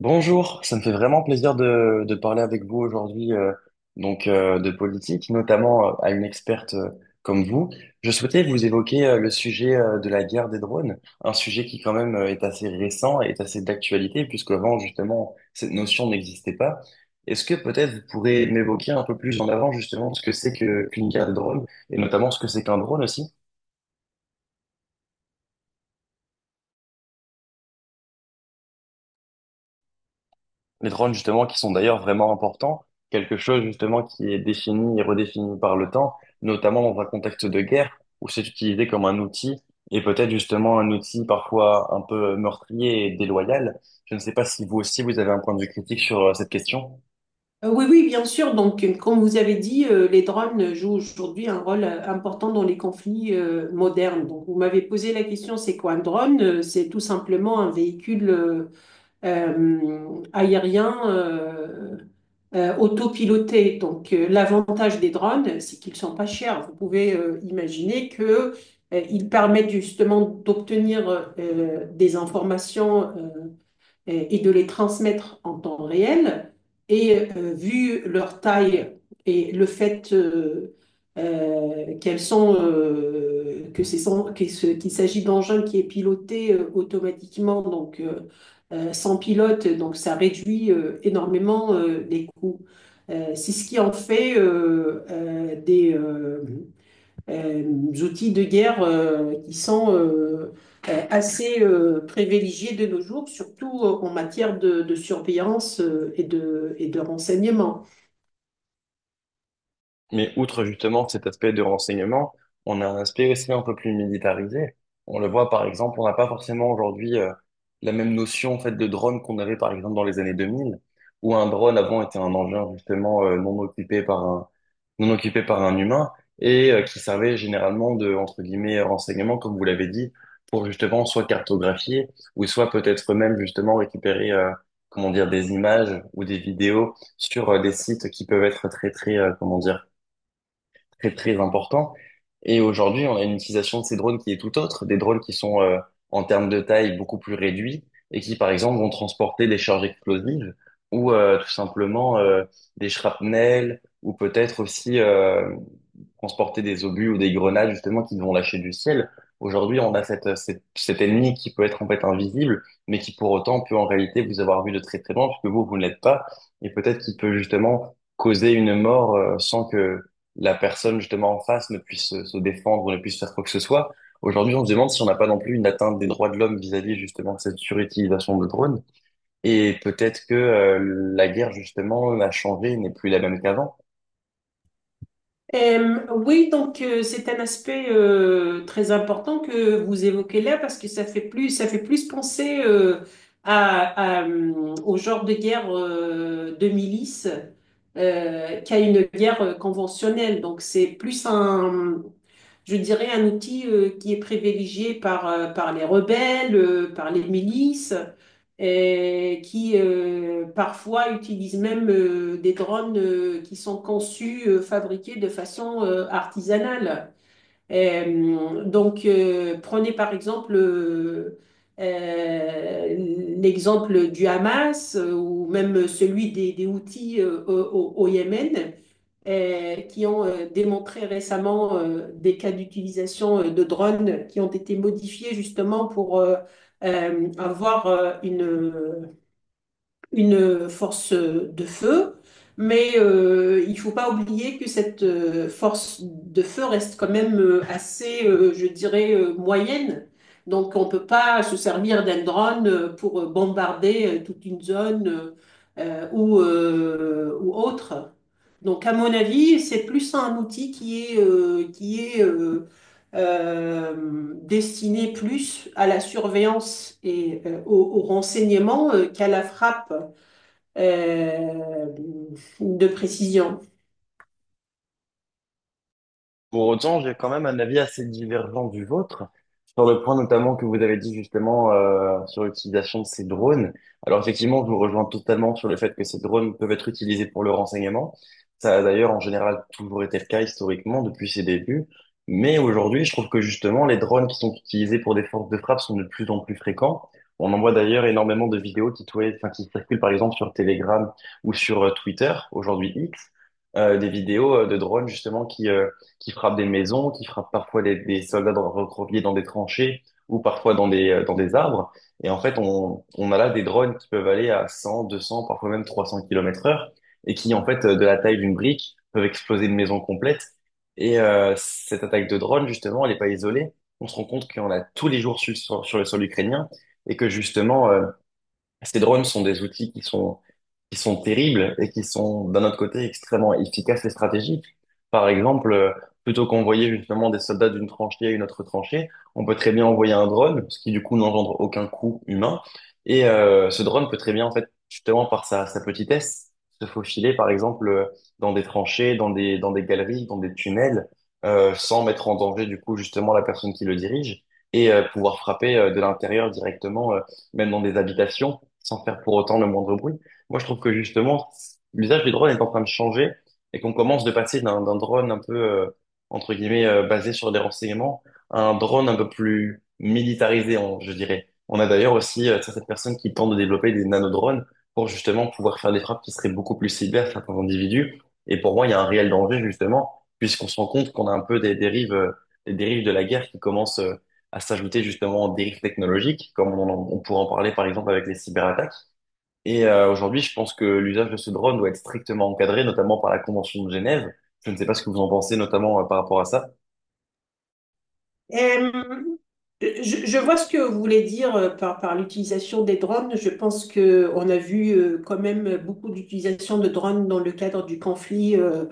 Bonjour, ça me fait vraiment plaisir de parler avec vous aujourd'hui, de politique, notamment à une experte comme vous. Je souhaitais vous évoquer le sujet de la guerre des drones, un sujet qui quand même est assez récent et est assez d'actualité, puisqu'avant justement cette notion n'existait pas. Est-ce que peut-être vous pourrez m'évoquer un peu plus en avant justement ce que c'est que qu'une guerre des drones, et notamment ce que c'est qu'un drone aussi? Les drones, justement, qui sont d'ailleurs vraiment importants, quelque chose, justement, qui est défini et redéfini par le temps, notamment dans un contexte de guerre, où c'est utilisé comme un outil, et peut-être justement un outil parfois un peu meurtrier et déloyal. Je ne sais pas si vous aussi, vous avez un point de vue critique sur cette question. Oui, oui, bien sûr. Donc, comme vous avez dit, les drones jouent aujourd'hui un rôle important dans les conflits modernes. Donc, vous m'avez posé la question, c'est quoi un drone? C'est tout simplement un véhicule aérien autopiloté. Donc, l'avantage des drones, c'est qu'ils sont pas chers. Vous pouvez imaginer que ils permettent justement d'obtenir des informations et de les transmettre en temps réel. Et vu leur taille et le fait qu'elles sont, que c'est sans- que ce- qu'il s'agit d'engins qui est piloté automatiquement, donc sans pilote, donc ça réduit énormément les coûts. C'est ce qui en fait euh, outils de guerre qui sont assez privilégiés de nos jours, surtout en matière de surveillance et de renseignement. Mais outre justement cet aspect de renseignement, on a un aspect aussi un peu plus militarisé. On le voit par exemple, on n'a pas forcément aujourd'hui la même notion en fait de drone qu'on avait par exemple dans les années 2000, où un drone avant était un engin justement non occupé par un humain et qui servait généralement de entre guillemets renseignement comme vous l'avez dit pour justement soit cartographier ou soit peut-être même justement récupérer comment dire des images ou des vidéos sur des sites qui peuvent être très très comment dire très très important. Et aujourd'hui, on a une utilisation de ces drones qui est tout autre, des drones qui sont en termes de taille beaucoup plus réduits et qui, par exemple, vont transporter des charges explosives ou tout simplement des shrapnels ou peut-être aussi transporter des obus ou des grenades justement qui vont lâcher du ciel. Aujourd'hui, on a cet ennemi qui peut être en fait invisible, mais qui pour autant peut en réalité vous avoir vu de très très loin, puisque vous, vous ne l'êtes pas, et peut-être qu'il peut justement causer une mort sans que la personne justement en face ne puisse se défendre, ne puisse faire quoi que ce soit. Aujourd'hui, on se demande si on n'a pas non plus une atteinte des droits de l'homme vis-à-vis justement de cette surutilisation de drones. Et peut-être que la guerre justement a changé, n'est plus la même qu'avant. Oui, donc c'est un aspect très important que vous évoquez là parce que ça fait plus penser à, à, euh, au genre de guerre de milice qu'à une guerre conventionnelle. Donc c'est plus un, je dirais, un outil qui est privilégié par les rebelles, par les milices, et qui parfois utilisent même des drones qui sont fabriqués de façon artisanale. Prenez par exemple euh, l'exemple du Hamas ou même celui des Houthis au Yémen qui ont démontré récemment des cas d'utilisation de drones qui ont été modifiés justement pour avoir une force de feu, mais il faut pas oublier que cette force de feu reste quand même je dirais, moyenne. Donc on peut pas se servir d'un drone pour bombarder toute une zone ou autre. Donc à mon avis, c'est plus un outil qui est destiné plus à la surveillance et au renseignement qu'à la frappe euh, de précision. Pour autant, j'ai quand même un avis assez divergent du vôtre, sur le point notamment que vous avez dit justement sur l'utilisation de ces drones. Alors effectivement, je vous rejoins totalement sur le fait que ces drones peuvent être utilisés pour le renseignement. Ça a d'ailleurs en général toujours été le cas historiquement depuis ses débuts. Mais aujourd'hui, je trouve que justement, les drones qui sont utilisés pour des forces de frappe sont de plus en plus fréquents. On en voit d'ailleurs énormément de vidéos enfin, qui circulent par exemple sur Telegram ou sur Twitter, aujourd'hui X, des vidéos de drones justement qui frappent des maisons, qui frappent parfois des soldats recroquevillés dans des tranchées ou parfois dans dans des arbres. Et en fait, on a là des drones qui peuvent aller à 100, 200, parfois même 300 km/h et qui, en fait, de la taille d'une brique, peuvent exploser une maison complète. Et cette attaque de drone, justement, elle n'est pas isolée. On se rend compte qu'il y en a tous les jours sur le sol ukrainien et que justement, ces drones sont des outils qui sont terribles et qui sont, d'un autre côté, extrêmement efficaces et stratégiques. Par exemple, plutôt qu'envoyer justement des soldats d'une tranchée à une autre tranchée, on peut très bien envoyer un drone, ce qui du coup n'engendre aucun coût humain. Et ce drone peut très bien, en fait, justement par sa petitesse, se faufiler, par exemple, dans des tranchées, dans dans des galeries, dans des tunnels, sans mettre en danger du coup justement la personne qui le dirige et pouvoir frapper de l'intérieur directement, même dans des habitations sans faire pour autant le moindre bruit. Moi, je trouve que justement, l'usage du drone est en train de changer et qu'on commence de passer d'un drone un peu, entre guillemets, basé sur des renseignements à un drone un peu plus militarisé, je dirais. On a d'ailleurs aussi certaines personnes qui tentent de développer des nanodrones pour justement pouvoir faire des frappes qui seraient beaucoup plus ciblées à certains individus. Et pour moi, il y a un réel danger, justement, puisqu'on se rend compte qu'on a un peu des dérives de la guerre qui commencent à s'ajouter justement aux dérives technologiques, comme on pourrait en parler par exemple avec les cyberattaques. Et aujourd'hui, je pense que l'usage de ce drone doit être strictement encadré, notamment par la Convention de Genève. Je ne sais pas ce que vous en pensez, notamment par rapport à ça. Euh, je vois ce que vous voulez dire par l'utilisation des drones. Je pense que on a vu quand même beaucoup d'utilisation de drones dans le cadre du conflit euh,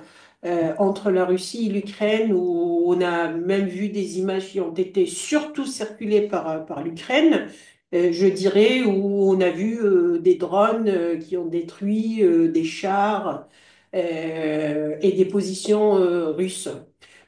euh, entre la Russie et l'Ukraine, où on a même vu des images qui ont été surtout circulées par l'Ukraine, je dirais, où on a vu des drones qui ont détruit des chars et des positions russes.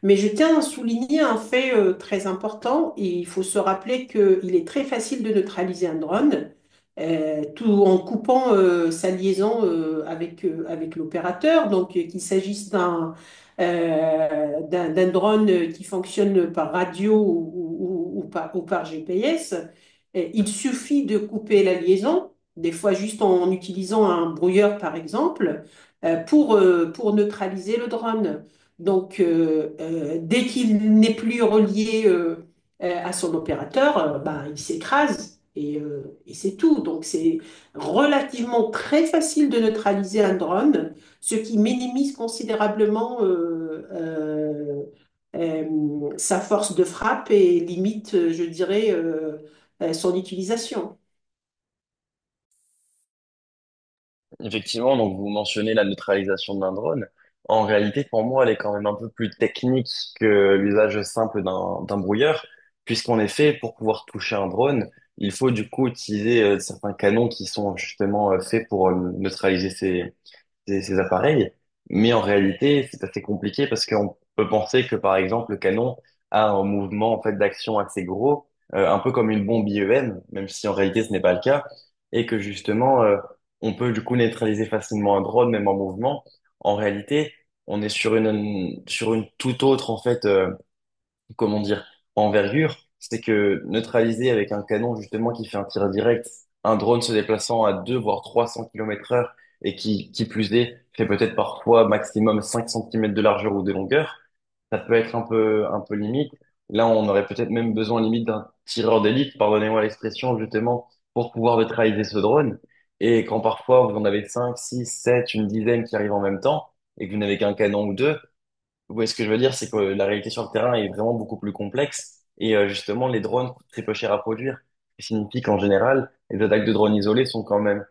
Mais je tiens à souligner un fait très important et il faut se rappeler qu'il est très facile de neutraliser un drone tout en coupant sa liaison avec l'opérateur. Donc, qu'il s'agisse d'un drone qui fonctionne par radio ou par GPS, il suffit de couper la liaison, des fois juste en utilisant un brouilleur, par exemple, pour neutraliser le drone. Donc, dès qu'il n'est plus relié à son opérateur, bah, il s'écrase et c'est tout. Donc c'est relativement très facile de neutraliser un drone, ce qui minimise considérablement sa force de frappe et limite, je dirais, son utilisation. Effectivement, donc vous mentionnez la neutralisation d'un drone. En réalité, pour moi, elle est quand même un peu plus technique que l'usage simple d'un brouilleur, puisqu'en effet, pour pouvoir toucher un drone, il faut du coup utiliser certains canons qui sont justement faits pour neutraliser ces appareils. Mais en réalité, c'est assez compliqué parce qu'on peut penser que, par exemple, le canon a un mouvement en fait d'action assez gros, un peu comme une bombe IEM, même si en réalité ce n'est pas le cas, et que justement, on peut du coup neutraliser facilement un drone, même en mouvement. En réalité, on est sur une toute autre en fait, comment dire, envergure, c'est que neutraliser avec un canon justement qui fait un tir direct, un drone se déplaçant à 2 voire 300 km heure et qui plus est, fait peut-être parfois maximum 5 cm de largeur ou de longueur, ça peut être un peu limite. Là, on aurait peut-être même besoin limite d'un tireur d'élite, pardonnez-moi l'expression, justement, pour pouvoir neutraliser ce drone. Et quand parfois vous en avez 5, 6, 7, une dizaine qui arrivent en même temps, et que vous n'avez qu'un canon ou deux, oui, ce que je veux dire, c'est que la réalité sur le terrain est vraiment beaucoup plus complexe. Et justement, les drones coûtent très peu cher à produire. Ce qui signifie qu'en général, les attaques de drones isolés sont quand même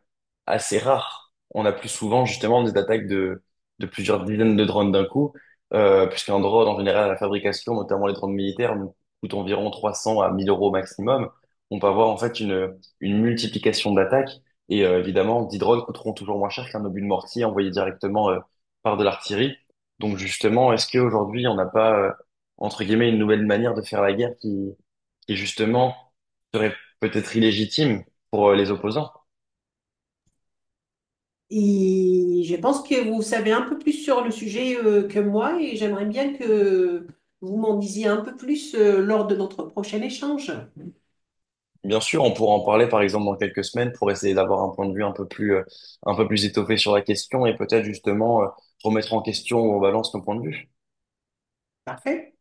assez rare. On a plus souvent justement des attaques de plusieurs dizaines de drones d'un coup, puisqu'un drone, en général, à la fabrication, notamment les drones militaires, nous coûte environ 300 à 1000 euros maximum. On peut avoir en fait une multiplication d'attaques, et évidemment, 10 drones coûteront toujours moins cher qu'un obus de mortier envoyé directement par de l'artillerie. Donc justement, est-ce qu'aujourd'hui, on n'a pas, entre guillemets, une nouvelle manière de faire la guerre qui justement serait peut-être illégitime pour les opposants? Et je pense que vous savez un peu plus sur le sujet que moi et j'aimerais bien que vous m'en disiez un peu plus lors de notre prochain échange. Bien sûr, on pourra en parler par exemple dans quelques semaines pour essayer d'avoir un point de vue un peu plus étoffé sur la question et peut-être justement remettre en question ou en balance nos points de vue. Parfait.